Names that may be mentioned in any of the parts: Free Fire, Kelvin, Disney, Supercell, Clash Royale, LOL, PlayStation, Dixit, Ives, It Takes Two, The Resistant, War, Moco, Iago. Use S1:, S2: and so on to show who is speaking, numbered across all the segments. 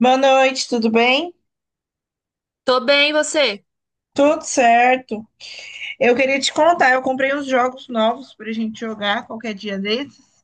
S1: Boa noite, tudo bem?
S2: Tô bem, e você?
S1: Tudo certo. Eu queria te contar, eu comprei uns jogos novos pra gente jogar qualquer dia desses.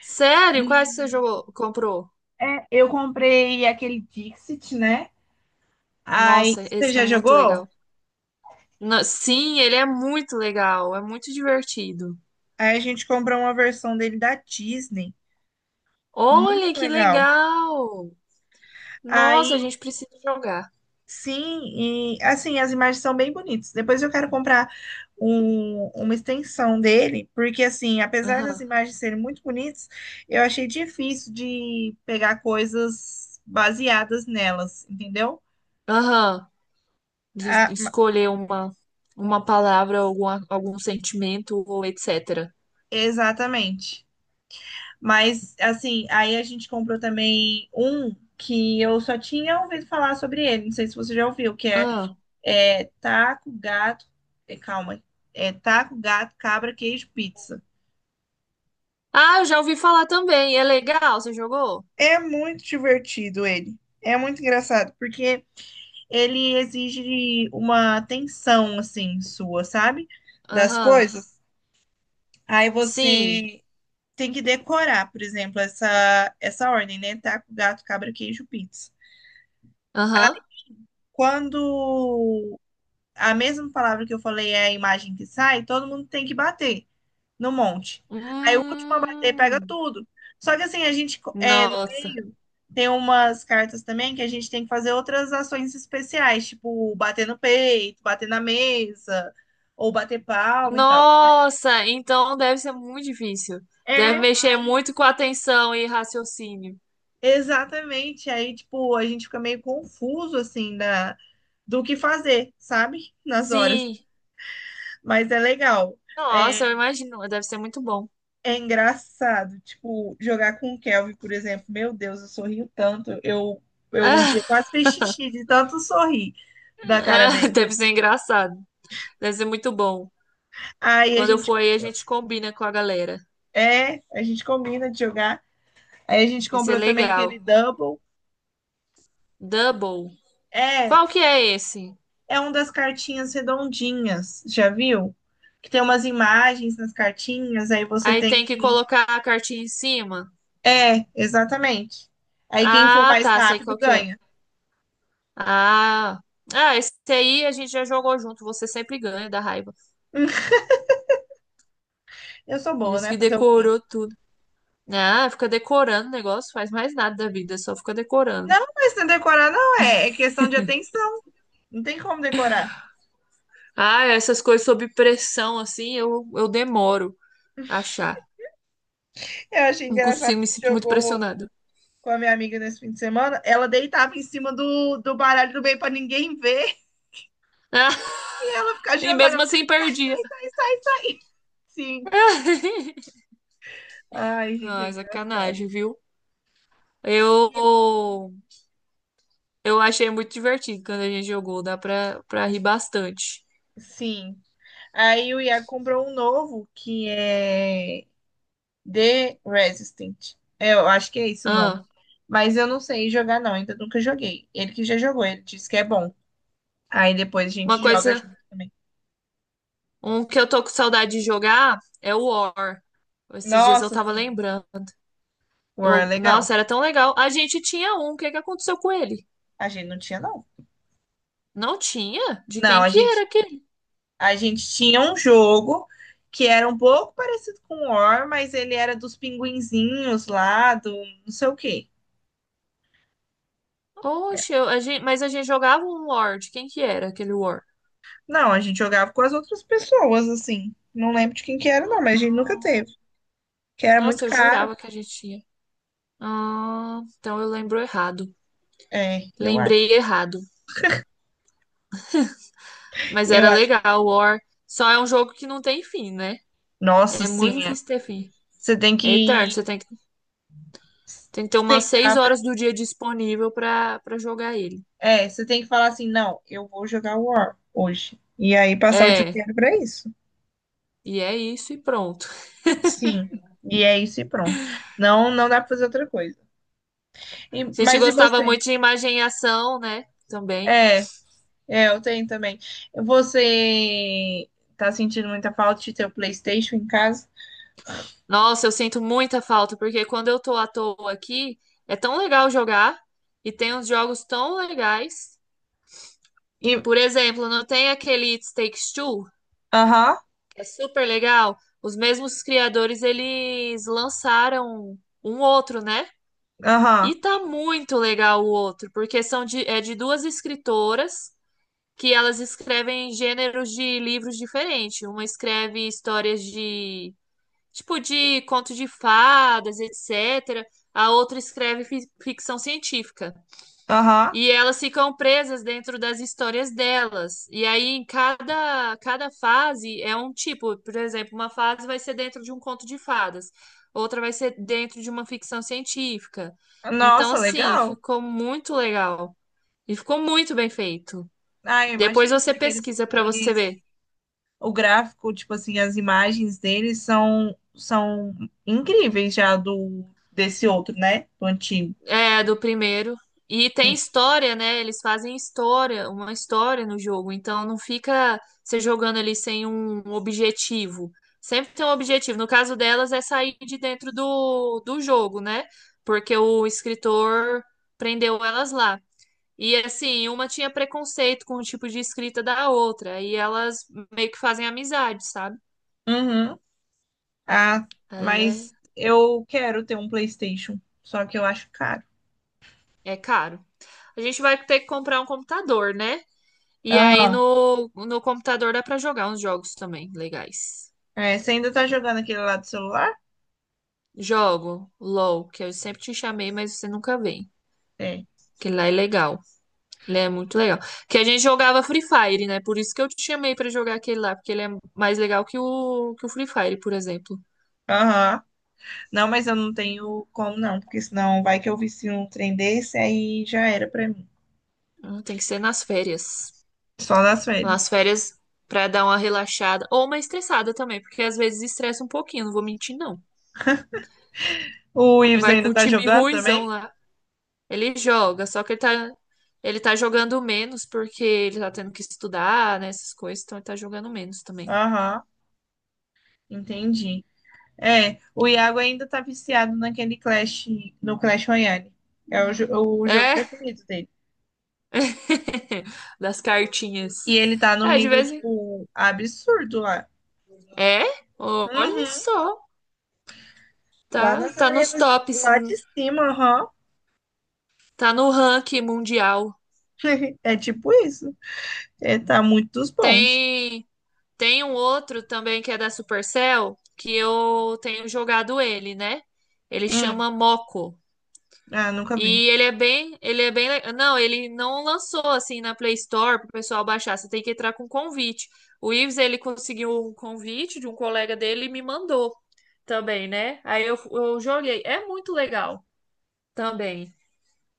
S2: Sério? Quais que você
S1: E,
S2: jogou, comprou?
S1: eu comprei aquele Dixit, né? Aí
S2: Nossa,
S1: você
S2: esse é
S1: já
S2: muito
S1: jogou?
S2: legal. Sim, ele é muito legal, é muito divertido.
S1: Aí a gente comprou uma versão dele da Disney. Muito
S2: Olha que
S1: legal.
S2: legal! Nossa, a
S1: Aí,
S2: gente precisa jogar.
S1: sim, e assim, as imagens são bem bonitas. Depois eu quero comprar uma extensão dele, porque assim, apesar das
S2: Aham.
S1: imagens serem muito bonitas, eu achei difícil de pegar coisas baseadas nelas, entendeu?
S2: Aham. De
S1: Ah, ma-
S2: escolher uma palavra, alguma, algum sentimento ou etc.
S1: exatamente. Mas assim, aí a gente comprou também um que eu só tinha ouvido falar sobre ele, não sei se você já ouviu,
S2: Ah.
S1: é taco, gato, é, calma, é taco, gato, cabra, queijo, pizza.
S2: Ah, eu já ouvi falar também. É legal, você jogou?
S1: É muito divertido ele. É muito engraçado, porque ele exige uma atenção, assim, sua, sabe? Das
S2: Aham.
S1: coisas. Aí
S2: Sim.
S1: você tem que decorar, por exemplo, essa ordem, né? Taco, gato, cabra, queijo, pizza.
S2: Aham.
S1: Quando a mesma palavra que eu falei é a imagem que sai, todo mundo tem que bater no monte. Aí o último a bater pega
S2: Hum.
S1: tudo. Só que assim, a gente é, no
S2: Nossa.
S1: meio tem umas cartas também que a gente tem que fazer outras ações especiais, tipo bater no peito, bater na mesa, ou bater palma e tal.
S2: Nossa, então deve ser muito difícil. Deve
S1: É,
S2: mexer muito com atenção e raciocínio.
S1: exatamente. Aí, tipo, a gente fica meio confuso, assim, da, do que fazer, sabe? Nas horas.
S2: Sim.
S1: Mas é legal.
S2: Nossa, eu
S1: É,
S2: imagino. Deve ser muito bom.
S1: é engraçado, tipo, jogar com o Kelvin, por exemplo. Meu Deus, eu sorrio tanto. Eu um dia quase fiz xixi de tanto sorrir da cara dele.
S2: Deve ser engraçado. Deve ser muito bom.
S1: Aí a
S2: Quando eu
S1: gente,
S2: for aí, a gente combina com a galera.
S1: é, a gente combina de jogar. Aí a gente
S2: Isso é
S1: comprou também aquele
S2: legal.
S1: double.
S2: Double.
S1: É,
S2: Qual que é esse?
S1: é um das cartinhas redondinhas, já viu? Que tem umas imagens nas cartinhas, aí você
S2: Aí
S1: tem
S2: tem que
S1: que.
S2: colocar a cartinha em cima.
S1: É, exatamente. Aí quem for
S2: Ah,
S1: mais
S2: tá. Sei
S1: rápido
S2: qual que é.
S1: ganha.
S2: Ah. Ah, esse aí a gente já jogou junto. Você sempre ganha da raiva.
S1: Eu sou boa,
S2: Esse
S1: né?
S2: que
S1: Fazer o quê?
S2: decorou tudo. Ah, fica decorando o negócio, faz mais nada da vida, só fica decorando.
S1: Não, mas não é decorar não é, é questão de atenção. Não tem como decorar.
S2: Ah, essas coisas sob pressão, assim, eu demoro a achar.
S1: Eu achei
S2: Não
S1: engraçado, a
S2: consigo, me
S1: gente
S2: sinto muito
S1: jogou
S2: pressionada.
S1: com a minha amiga nesse fim de semana. Ela deitava em cima do, do baralho do bem pra ninguém ver
S2: Ah,
S1: e ela ficava
S2: e
S1: jogando.
S2: mesmo
S1: Ela,
S2: assim
S1: sai,
S2: perdia.
S1: sai, sai, sai. Sim. Ai, gente, é
S2: Ah,
S1: engraçado.
S2: sacanagem, viu? Eu, eu achei muito divertido quando a gente jogou, dá pra, pra rir bastante.
S1: Sim. Aí o Iago comprou um novo que é The Resistant. É, eu acho que é esse o nome.
S2: Ah,
S1: Mas eu não sei jogar, não. Ainda nunca joguei. Ele que já jogou, ele disse que é bom. Aí depois a
S2: uma
S1: gente joga
S2: coisa,
S1: junto também.
S2: um que eu tô com saudade de jogar é o War. Esses dias eu
S1: Nossa,
S2: tava
S1: sim.
S2: lembrando.
S1: War é
S2: Eu,
S1: legal.
S2: nossa, era tão legal. A gente tinha um, o que que aconteceu com ele?
S1: A gente não tinha, não.
S2: Não tinha? De
S1: Não,
S2: quem
S1: a
S2: que
S1: gente,
S2: era aquele?
S1: a gente tinha um jogo que era um pouco parecido com o War, mas ele era dos pinguinzinhos lá, do não sei o quê.
S2: Oxe, a gente, mas a gente jogava um War. De quem que era aquele War?
S1: Não, a gente jogava com as outras pessoas, assim. Não lembro de quem que era, não, mas a gente nunca
S2: Ah,
S1: teve. Que era muito
S2: nossa, eu
S1: caro.
S2: jurava que a gente tinha. Ah, então eu lembro errado.
S1: É, eu
S2: Lembrei
S1: acho.
S2: errado. Mas
S1: Eu
S2: era
S1: acho.
S2: legal, War. Só é um jogo que não tem fim, né?
S1: Nossa,
S2: É muito
S1: sim. É.
S2: difícil ter fim.
S1: Você tem
S2: É eterno. Você
S1: que
S2: tem que ter umas seis
S1: sentar pra.
S2: horas do dia disponível pra, pra jogar ele.
S1: É, você tem que falar assim, não, eu vou jogar War hoje. E aí passar o dia
S2: É,
S1: inteiro pra isso.
S2: e é isso e pronto.
S1: Sim, e é isso e pronto. Não, não dá pra fazer outra coisa.
S2: A gente
S1: Mas e
S2: gostava
S1: você?
S2: muito de imagem e ação, né? Também.
S1: É, é, eu tenho também. Você tá sentindo muita falta de ter o PlayStation em casa?
S2: Nossa, eu sinto muita falta, porque quando eu tô à toa aqui, é tão legal jogar e tem uns jogos tão legais.
S1: E,
S2: Por exemplo, não tem aquele It Takes Two,
S1: aham,
S2: que é super legal. Os mesmos criadores, eles lançaram um outro, né?
S1: aham,
S2: E tá muito legal o outro, porque são de, é de duas escritoras que elas escrevem gêneros de livros diferentes. Uma escreve histórias de tipo de conto de fadas, etc. A outra escreve ficção científica.
S1: aham.
S2: E elas ficam presas dentro das histórias delas. E aí, em cada, cada fase é um tipo. Por exemplo, uma fase vai ser dentro de um conto de fadas, outra vai ser dentro de uma ficção científica. Então,
S1: Nossa,
S2: assim,
S1: legal.
S2: ficou muito legal. E ficou muito bem feito.
S1: Ah, eu
S2: Depois
S1: imagino,
S2: você
S1: porque
S2: pesquisa para você ver.
S1: o gráfico, tipo assim, as imagens deles são, são incríveis já do desse outro, né? Do antigo.
S2: É, do primeiro. E tem história, né? Eles fazem história, uma história no jogo. Então não fica você jogando ali sem um objetivo. Sempre tem um objetivo. No caso delas é sair de dentro do, do jogo, né? Porque o escritor prendeu elas lá. E assim, uma tinha preconceito com o tipo de escrita da outra. E elas meio que fazem amizade, sabe?
S1: Uhum. Ah,
S2: Aí é,
S1: mas eu quero ter um PlayStation, só que eu acho caro.
S2: é caro. A gente vai ter que comprar um computador, né? E aí
S1: Aham.
S2: no, no computador dá pra jogar uns jogos também legais.
S1: É, você ainda tá jogando aquele lá do celular?
S2: Jogo LOL, que eu sempre te chamei, mas você nunca vem.
S1: É.
S2: Que lá é legal. Ele é muito legal. Que a gente jogava Free Fire, né? Por isso que eu te chamei pra jogar aquele lá, porque ele é mais legal que o Free Fire, por exemplo.
S1: Aham. Não, mas eu não tenho como não, porque senão vai que eu vicio um trem desse, aí já era pra mim.
S2: Ah, tem que ser nas férias.
S1: Só nas
S2: Nas
S1: férias.
S2: férias pra dar uma relaxada ou uma estressada também, porque às vezes estressa um pouquinho, não vou mentir não.
S1: O
S2: Você
S1: Ives
S2: vai com
S1: ainda
S2: o
S1: tá
S2: time
S1: jogando
S2: ruinzão
S1: também?
S2: lá. Ele joga, só que ele tá jogando menos porque ele tá tendo que estudar, né, essas coisas, então ele tá jogando menos também.
S1: Aham, entendi. É, o Iago ainda tá viciado naquele Clash, no Clash Royale. O jogo
S2: É,
S1: preferido dele.
S2: das cartinhas.
S1: E ele tá num
S2: É, de
S1: nível,
S2: vez em...
S1: tipo, absurdo lá.
S2: É, olha
S1: Uhum.
S2: só,
S1: Lá
S2: tá,
S1: nas
S2: tá nos
S1: arenas,
S2: tops,
S1: lá de cima, aham.
S2: tá no ranking mundial.
S1: É tipo isso. É, tá muito dos bons.
S2: Tem, tem um outro também que é da Supercell, que eu tenho jogado ele, né? Ele
S1: Hum,
S2: chama Moco.
S1: ah, nunca vi.
S2: E ele é bem, não, ele não lançou assim na Play Store para o pessoal baixar. Você tem que entrar com convite. O Ives ele conseguiu um convite de um colega dele e me mandou também, né? Aí eu joguei. É muito legal também,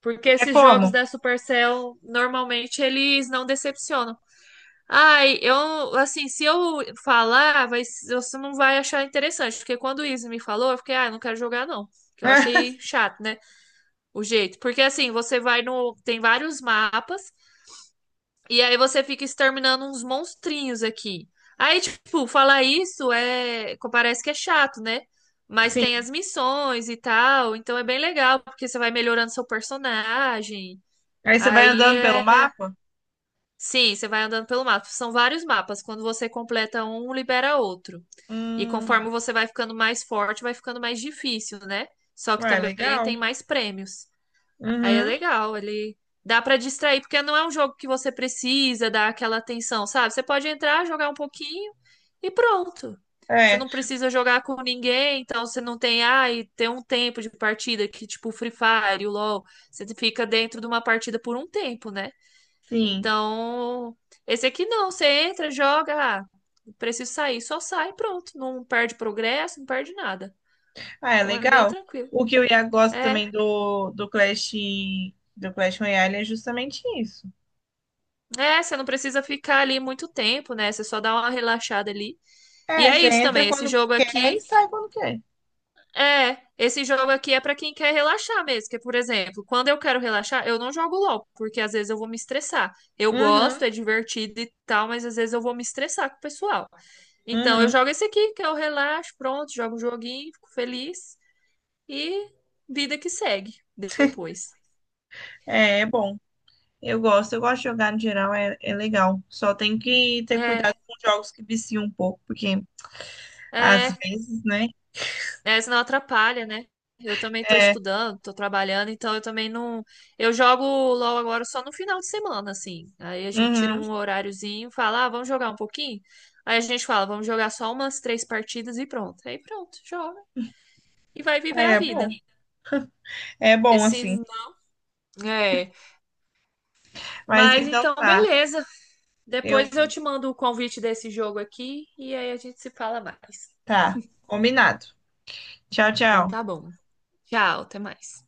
S2: porque
S1: É
S2: esses
S1: como?
S2: jogos da Supercell normalmente eles não decepcionam. Ai, eu assim, se eu falar, vai, você não vai achar interessante, porque quando o Ives me falou, eu fiquei, ah, eu não quero jogar não, que eu achei chato, né? O jeito. Porque assim, você vai no. Tem vários mapas, e aí você fica exterminando uns monstrinhos aqui. Aí, tipo, falar isso é. Parece que é chato, né? Mas tem
S1: Sim.
S2: as missões e tal, então é bem legal, porque você vai melhorando seu personagem.
S1: Aí você vai
S2: Aí
S1: andando pelo
S2: é.
S1: mapa?
S2: Sim, você vai andando pelo mapa. São vários mapas. Quando você completa um, libera outro. E
S1: Hum,
S2: conforme você vai ficando mais forte, vai ficando mais difícil, né? Só que
S1: ué,
S2: também tem
S1: legal.
S2: mais prêmios. Aí é
S1: Uhum,
S2: legal, ele dá pra distrair, porque não é um jogo que você precisa dar aquela atenção, sabe? Você pode entrar, jogar um pouquinho e pronto. Você
S1: é,
S2: não precisa jogar com ninguém, então você não tem, ah e tem um tempo de partida que tipo o Free Fire, o LoL, você fica dentro de uma partida por um tempo, né?
S1: sim.
S2: Então, esse aqui não, você entra, joga, ah, preciso sair, só sai, pronto, não perde progresso, não perde nada.
S1: Ah, é
S2: Então é bem
S1: legal.
S2: tranquilo.
S1: O que eu ia gosto
S2: É,
S1: também do, do Clash Royale é justamente isso.
S2: é, você não precisa ficar ali muito tempo, né? Você só dá uma relaxada ali. E
S1: É,
S2: é
S1: você
S2: isso
S1: entra
S2: também, esse
S1: quando
S2: jogo
S1: quer e
S2: aqui
S1: sai quando quer.
S2: é, esse jogo aqui é pra quem quer relaxar mesmo, que é, por exemplo, quando eu quero relaxar, eu não jogo LOL, porque às vezes eu vou me estressar. Eu
S1: Uhum,
S2: gosto, é divertido e tal, mas às vezes eu vou me estressar com o pessoal. Então eu
S1: uhum.
S2: jogo esse aqui, que eu relaxo, pronto, jogo um joguinho, fico feliz e vida que segue depois.
S1: É, é bom. Eu gosto de jogar no geral, é, é legal. Só tem que ter
S2: É,
S1: cuidado com jogos que viciam um pouco, porque às
S2: é,
S1: vezes, né?
S2: é, senão atrapalha, né? Eu também tô
S1: É,
S2: estudando, tô trabalhando, então eu também não. Eu jogo LOL agora só no final de semana, assim. Aí a gente tira
S1: uhum,
S2: um horáriozinho, fala, ah, vamos jogar um pouquinho? Aí a gente fala, vamos jogar só umas 3 partidas e pronto. Aí pronto, joga e vai viver
S1: aí
S2: a vida.
S1: é bom assim.
S2: Esse. É.
S1: Mas
S2: Mas
S1: então
S2: então,
S1: tá,
S2: beleza.
S1: eu
S2: Depois eu
S1: vou.
S2: te mando o convite desse jogo aqui e aí a gente se fala mais.
S1: Tá, combinado. Tchau,
S2: Então
S1: tchau.
S2: tá bom. Tchau, até mais.